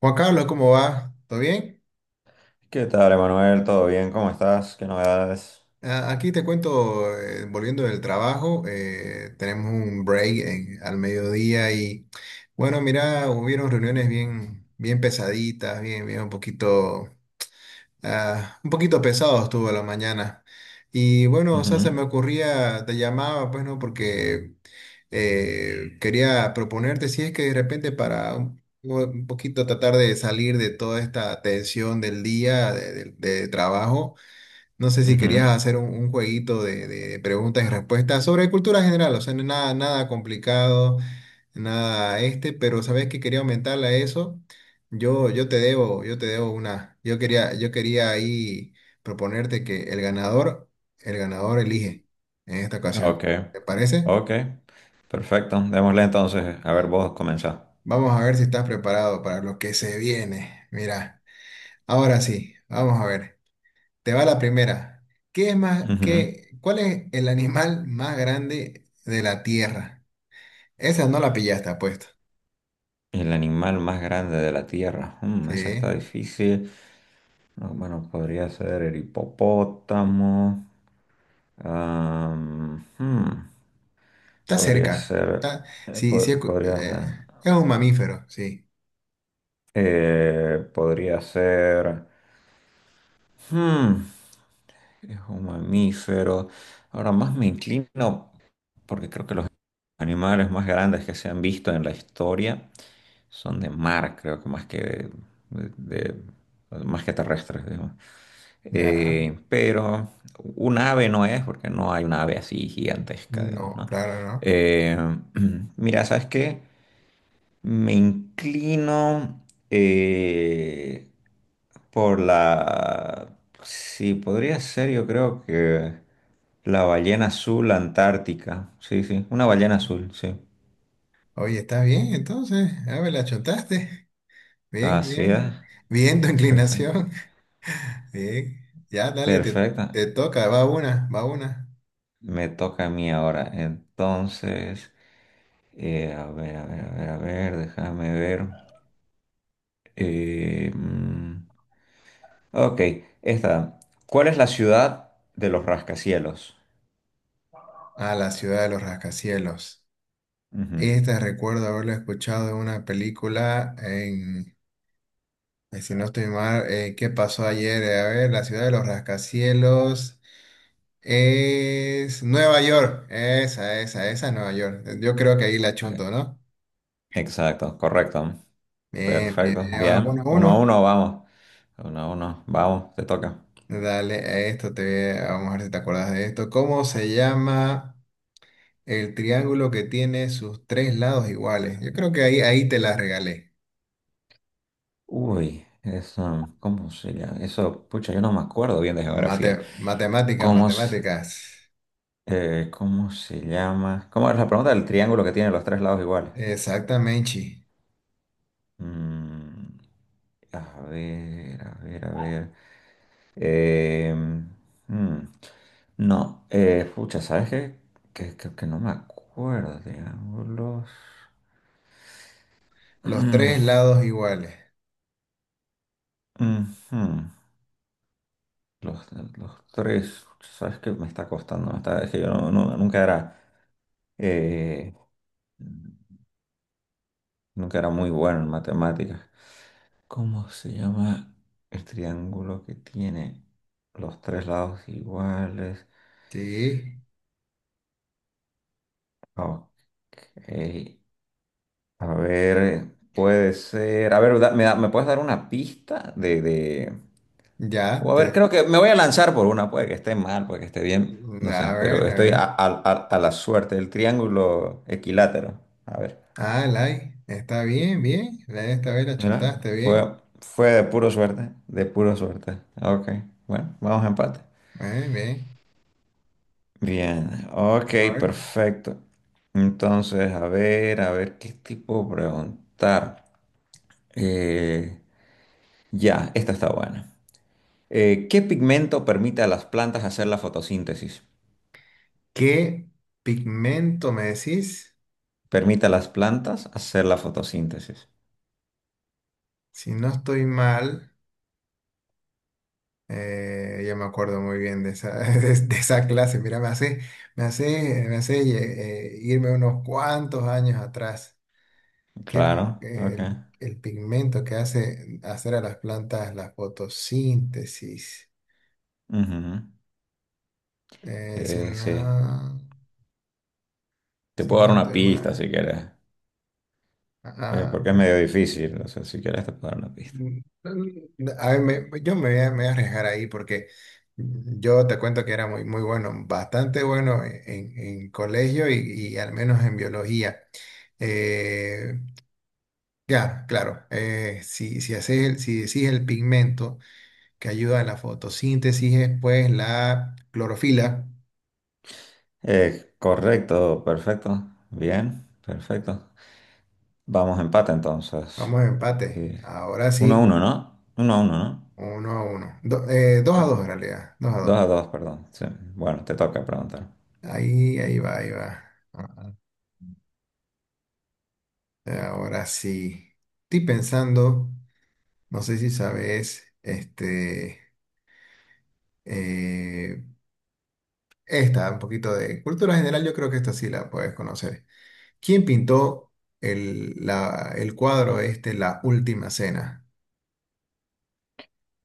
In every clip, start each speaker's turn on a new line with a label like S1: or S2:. S1: Juan Carlos, ¿cómo va? ¿Todo bien?
S2: ¿Qué tal, Emanuel? ¿Todo bien? ¿Cómo estás? ¿Qué novedades?
S1: Aquí te cuento, volviendo del trabajo, tenemos un break al mediodía y bueno, mira, hubieron reuniones bien, bien pesaditas, bien, bien un poquito, un poquito pesado estuvo la mañana. Y bueno, o sea, se me
S2: Ujú,
S1: ocurría, te llamaba, pues no, porque quería proponerte si es que de repente para un poquito tratar de salir de toda esta tensión del día de trabajo. No sé si querías
S2: ujú.
S1: hacer un jueguito de preguntas y respuestas sobre cultura general, o sea, nada, nada complicado, nada pero sabes que quería aumentarle a eso. Yo te debo una. Yo quería ahí proponerte que el ganador elige en esta ocasión.
S2: Ok,
S1: ¿Te parece?
S2: ok. Perfecto. Démosle entonces. A ver, vos comenzá.
S1: Vamos a ver si estás preparado para lo que se viene. Mira, ahora sí, vamos a ver. Te va la primera. ¿Qué es más,
S2: Ujú.
S1: qué, cuál es el animal más grande de la Tierra? Esa no la pillaste, apuesto.
S2: El animal más grande de la Tierra. Mm, esa
S1: Sí,
S2: está difícil. No, bueno, podría ser el hipopótamo. Am, hmm,
S1: está
S2: Podría
S1: cerca.
S2: ser.
S1: Sí, sí,
S2: Podría ser.
S1: es un mamífero, sí.
S2: Podría ser. hmm, Es un mamífero. Ahora más me inclino, porque creo que los animales más grandes que se han visto en la historia son de mar, creo que más que de, más que terrestres, digamos.
S1: Ya,
S2: Pero un ave no es, porque no hay una ave así gigantesca, digamos,
S1: no,
S2: ¿no?
S1: claro, no.
S2: Eh, Mira, ¿sabes qué? Me inclino por la. Sí, podría ser, yo creo que la ballena azul, Antártica. Sí, sí, una ballena azul, sí.
S1: Oye, está bien, entonces. A ver, la chontaste. Bien,
S2: Así es.
S1: bien. Bien tu
S2: Sí, sí.
S1: inclinación. Bien. Ya, dale, te
S2: Perfecta.
S1: toca. Va una, va una.
S2: Me toca a mí ahora. Entonces, a ver, a ver, a ver, a ver, déjame ver. Eh, mm, ok, esta. ¿Cuál es la ciudad de los rascacielos?
S1: A la ciudad de los rascacielos.
S2: Ujú.
S1: Esta recuerdo haberla escuchado en una película, si no estoy mal, ¿qué pasó ayer? A ver, la ciudad de los rascacielos es Nueva York. Esa es Nueva York. Yo creo que ahí la chunto, ¿no?
S2: Exacto, correcto.
S1: Bien, bien, bien.
S2: Perfecto. Bien.
S1: Uno, a
S2: Uno a
S1: uno.
S2: uno, vamos. Uno a uno, vamos, te toca.
S1: Dale, a esto te vamos a ver si te acuerdas de esto. ¿Cómo se llama el triángulo que tiene sus tres lados iguales? Yo creo que ahí te la regalé.
S2: Uy, eso, ¿cómo se llama? Eso, pucha, yo no me acuerdo bien de geografía.
S1: Matemáticas,
S2: ¿Cómo se,
S1: matemáticas.
S2: cómo se llama? ¿Cómo es la pregunta del triángulo que tiene los tres lados iguales?
S1: Exactamente.
S2: Mm, a ver, a ver, a ver. Eh, mm, no, pucha, ¿sabes qué? Que no me acuerdo, triángulos.
S1: Los tres lados iguales.
S2: Ujú. Los, los tres, sabes que me está costando, es que yo no- no- nunca era, eh, muy bueno en matemáticas. ¿Cómo se llama el triángulo que tiene los tres lados iguales?
S1: Sí,
S2: Ok, a ver, puede ser, a ver, me puedes dar una pista
S1: ya,
S2: o a ver,
S1: te...
S2: creo que me voy a lanzar por una, puede que esté mal, puede que esté bien, no
S1: A
S2: sé,
S1: ver,
S2: pero
S1: a
S2: estoy
S1: ver.
S2: a la suerte, el triángulo equilátero, a ver.
S1: Lai, está bien, bien. Lai, esta vez la
S2: Mira,
S1: chuntaste bien.
S2: fue de puro suerte, de pura suerte. Ok, bueno, vamos a empate.
S1: Bien, bien.
S2: Bien, ok,
S1: A ver.
S2: perfecto. Entonces, a ver, ¿qué tipo preguntar? Eh, ya, esta está buena. ¿Qué pigmento permite a las plantas hacer la fotosíntesis?
S1: ¿Qué pigmento me decís?
S2: Permite a las plantas hacer la fotosíntesis.
S1: Si no estoy mal, ya me acuerdo muy bien de esa, de esa clase. Mira, me hace irme unos cuantos años atrás. Que
S2: Claro, ok.
S1: el, el pigmento que hace hacer a las plantas la fotosíntesis.
S2: Ujú.
S1: Eh, si
S2: Sí,
S1: no,
S2: te
S1: si
S2: puedo
S1: no
S2: dar una
S1: estoy
S2: pista si
S1: mal.
S2: quieres,
S1: Ah,
S2: porque es
S1: ah,
S2: medio difícil, o sea, si quieres te puedo dar una pista.
S1: a ver, yo me voy a arriesgar ahí porque yo te cuento que era muy, muy bueno, bastante bueno en colegio y al menos en biología. Eh, ya, claro, si decís el pigmento. Que ayuda en la fotosíntesis es pues la clorofila.
S2: Correcto, perfecto. Bien, perfecto. Vamos empate entonces.
S1: Vamos a empate.
S2: Eh,
S1: Ahora
S2: Uno a
S1: sí,
S2: uno, ¿no? Uno a uno, ¿no?
S1: 1-1. Dos a
S2: A
S1: dos
S2: ver,
S1: en realidad, dos a
S2: dos
S1: dos.
S2: a dos, perdón. Sí. Bueno, te toca preguntar.
S1: Ahí va, ahí va. Ahora sí. Estoy pensando, no sé si sabes, eh, esta, un poquito de cultura general, yo creo que esta sí la puedes conocer. ¿Quién pintó el cuadro este, La Última Cena?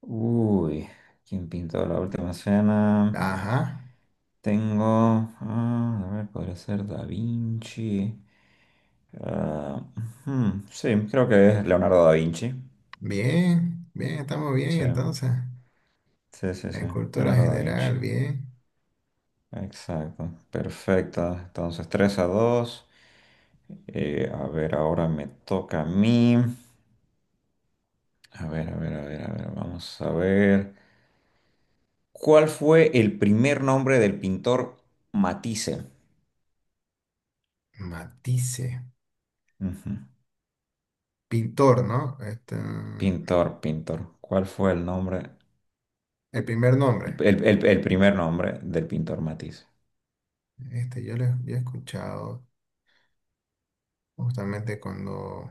S2: Uy, ¿quién pintó La Última Cena?
S1: Ajá.
S2: Tengo. A ver, podría ser Da Vinci. Ah, ujú, sí, creo que es Leonardo da Vinci.
S1: Bien, bien, estamos bien
S2: Sí,
S1: entonces.
S2: sí, sí, sí.
S1: En cultura
S2: Leonardo da Vinci.
S1: general, bien.
S2: Exacto, perfecta. Entonces, 3 a 2. A ver, ahora me toca a mí. A ver, a ver, a ver, a ver, vamos a ver. ¿Cuál fue el primer nombre del pintor Matisse?
S1: Matisse,
S2: Ujú.
S1: pintor, ¿no?
S2: Pintor, pintor. ¿Cuál fue el nombre?
S1: El primer nombre.
S2: El primer nombre del pintor Matisse.
S1: Yo he escuchado justamente cuando...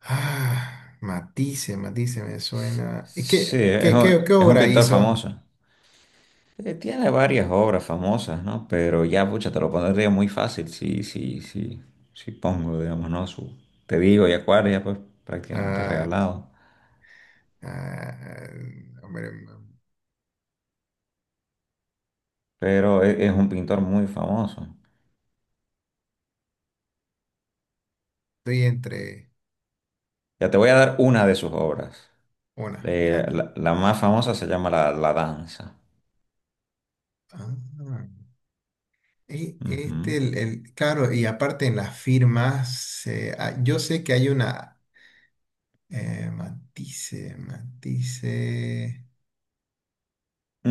S1: Matisse me suena. ¿Y
S2: Sí,
S1: qué,
S2: es
S1: qué,
S2: un,
S1: qué, qué
S2: es un
S1: obra
S2: pintor
S1: hizo?
S2: famoso. Tiene varias obras famosas, ¿no? Pero ya, pucha, te lo pondría muy fácil, sí, sí, sí, sí pongo, digamos, ¿no? Te digo, y Acuario, pues prácticamente
S1: Ah,
S2: regalado.
S1: ah, hombre,
S2: Pero es, un pintor muy famoso.
S1: estoy entre...
S2: Ya te voy a dar una de sus obras.
S1: Una,
S2: Eh,
S1: ya.
S2: la, la más famosa se llama La Danza.
S1: Ah, Y
S2: Ujú,
S1: claro, y aparte en las firmas, yo sé que hay una matice,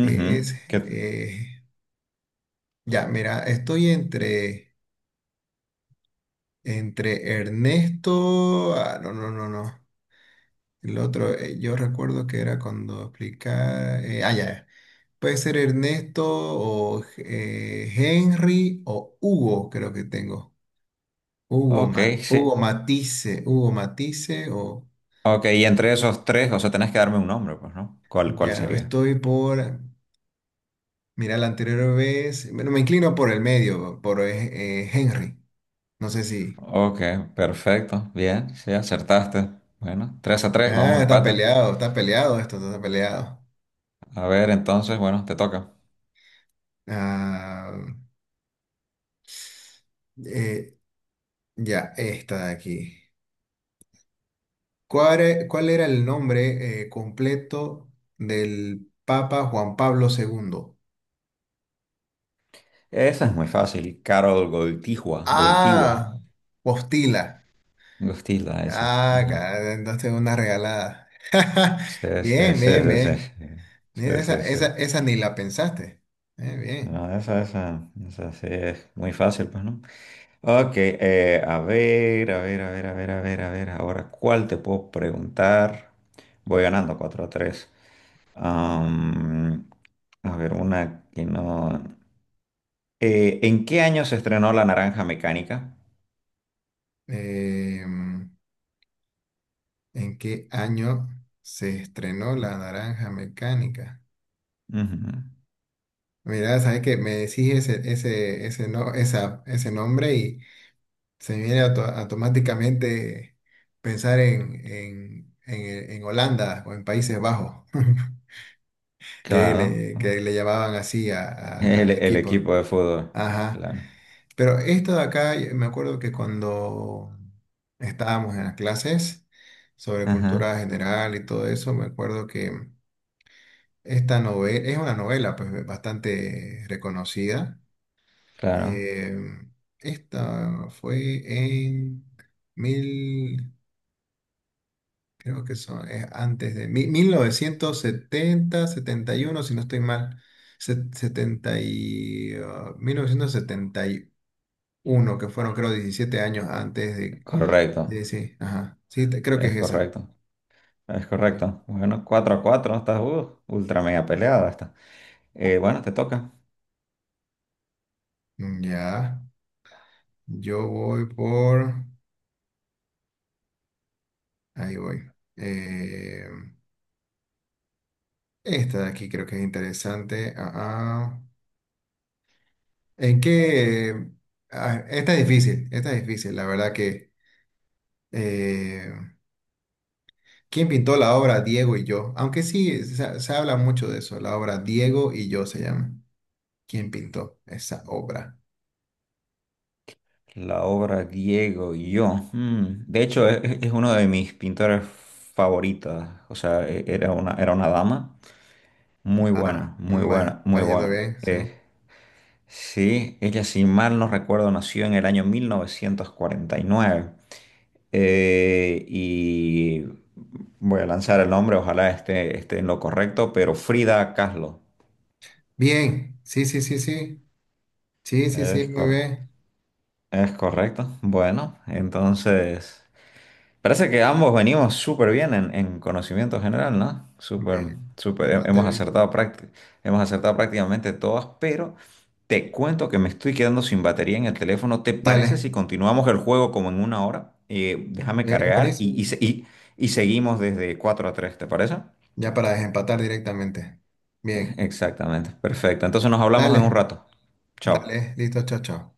S1: es,
S2: ¿qué-
S1: eh, ya, mira, estoy entre Ernesto, no, no, no, no, el otro, yo recuerdo que era cuando explicaba, ya, ya. Puede ser Ernesto o Henry o Hugo, creo que tengo. Hugo,
S2: Ok, sí.
S1: Hugo Matisse, o
S2: Ok, y entre esos tres, o sea, tenés que darme un nombre, pues, ¿no? ¿Cuál
S1: ya
S2: sería?
S1: estoy por, mira, la anterior vez, bueno, me inclino por el medio, por Henry, no sé si.
S2: Ok, perfecto. Bien, sí, acertaste. Bueno, 3 a 3, vamos a empate.
S1: Está peleado esto, está peleado.
S2: A ver, entonces, bueno, te toca.
S1: Ah, eh, ya, esta de aquí. ¿Cuál era el nombre completo del Papa Juan Pablo segundo?
S2: Esa es muy fácil. Carol Goltigua, Goltigua,
S1: Ah, Postila.
S2: Gostila, esa.
S1: Ah,
S2: Ajá.
S1: claro, entonces una regalada.
S2: Sí, sí,
S1: Bien,
S2: sí,
S1: bien,
S2: sí, sí.
S1: bien. Mira,
S2: Sí,
S1: esa,
S2: sí, sí.
S1: esa, esa ni la pensaste. Bien.
S2: No, esa sí es muy fácil, pues, ¿no? Ok, a ver, a ver, a ver, a ver, a ver, a ver. Ahora, ¿cuál te puedo preguntar? Voy ganando 4 a 3. Am, a ver, una que no. ¿En qué año se estrenó La Naranja Mecánica?
S1: Eh, ¿En qué año se estrenó La Naranja Mecánica?
S2: Ujú.
S1: Mira, sabes que me decís no, esa, ese nombre y se me viene automáticamente pensar en Holanda o en Países Bajos,
S2: Claro.
S1: que le llamaban así
S2: El,
S1: al
S2: el
S1: equipo.
S2: equipo de fútbol.
S1: Ajá.
S2: Claro.
S1: Pero esto de acá, me acuerdo que cuando estábamos en las clases sobre
S2: Ajá.
S1: cultura general y todo eso, me acuerdo que esta novela es una novela pues bastante reconocida.
S2: Claro.
S1: Eh, esta fue en mil, creo que son, es antes de 1970, 71 si no estoy mal, 70 1971, que fueron creo 17 años antes de.
S2: Correcto.
S1: Sí, sí, ajá. Sí, creo que
S2: Es
S1: es esa.
S2: correcto. Es
S1: Sí.
S2: correcto. Bueno, 4 a 4, ¿no? Estás ultra mega peleada. Está. Bueno, te toca.
S1: Mm, ya, yo voy por... Ahí voy. Esta de aquí creo que es interesante. Ah, ah. ¿En qué? Esta es difícil, esta es difícil. La verdad que... eh, ¿Quién pintó la obra Diego y yo? Aunque sí, se habla mucho de eso. La obra Diego y yo se llama. ¿Quién pintó esa obra?
S2: La obra Diego y yo. De hecho, es uno de mis pintores favoritos. O sea, era una dama. Muy buena, muy
S1: Va,
S2: buena,
S1: va
S2: muy
S1: yendo
S2: buena.
S1: bien, sí.
S2: Sí, ella, si mal no recuerdo, nació en el año 1949. Y voy a lanzar el nombre, ojalá esté en lo correcto, pero Frida Kahlo.
S1: Bien, sí, sí, sí, sí. Sí, sí, sí,
S2: Es,
S1: muy
S2: cor-
S1: bien.
S2: es correcto. Bueno, entonces. Parece que ambos venimos súper bien en, conocimiento general, ¿no?
S1: Muy
S2: Súper,
S1: bien.
S2: súper,
S1: Bastante bien.
S2: hemos acertado prácticamente todas, pero te cuento que me estoy quedando sin batería en el teléfono. ¿Te
S1: Dale.
S2: parece si continuamos el juego como en una hora? Déjame
S1: Bien,
S2: cargar y,
S1: buenísimo.
S2: y, se- y- y seguimos desde 4 a 3. ¿Te parece?
S1: Ya para desempatar directamente. Bien.
S2: Exactamente, perfecto. Entonces nos hablamos en un
S1: Dale.
S2: rato. Chao.
S1: Dale. Listo, chao, chao.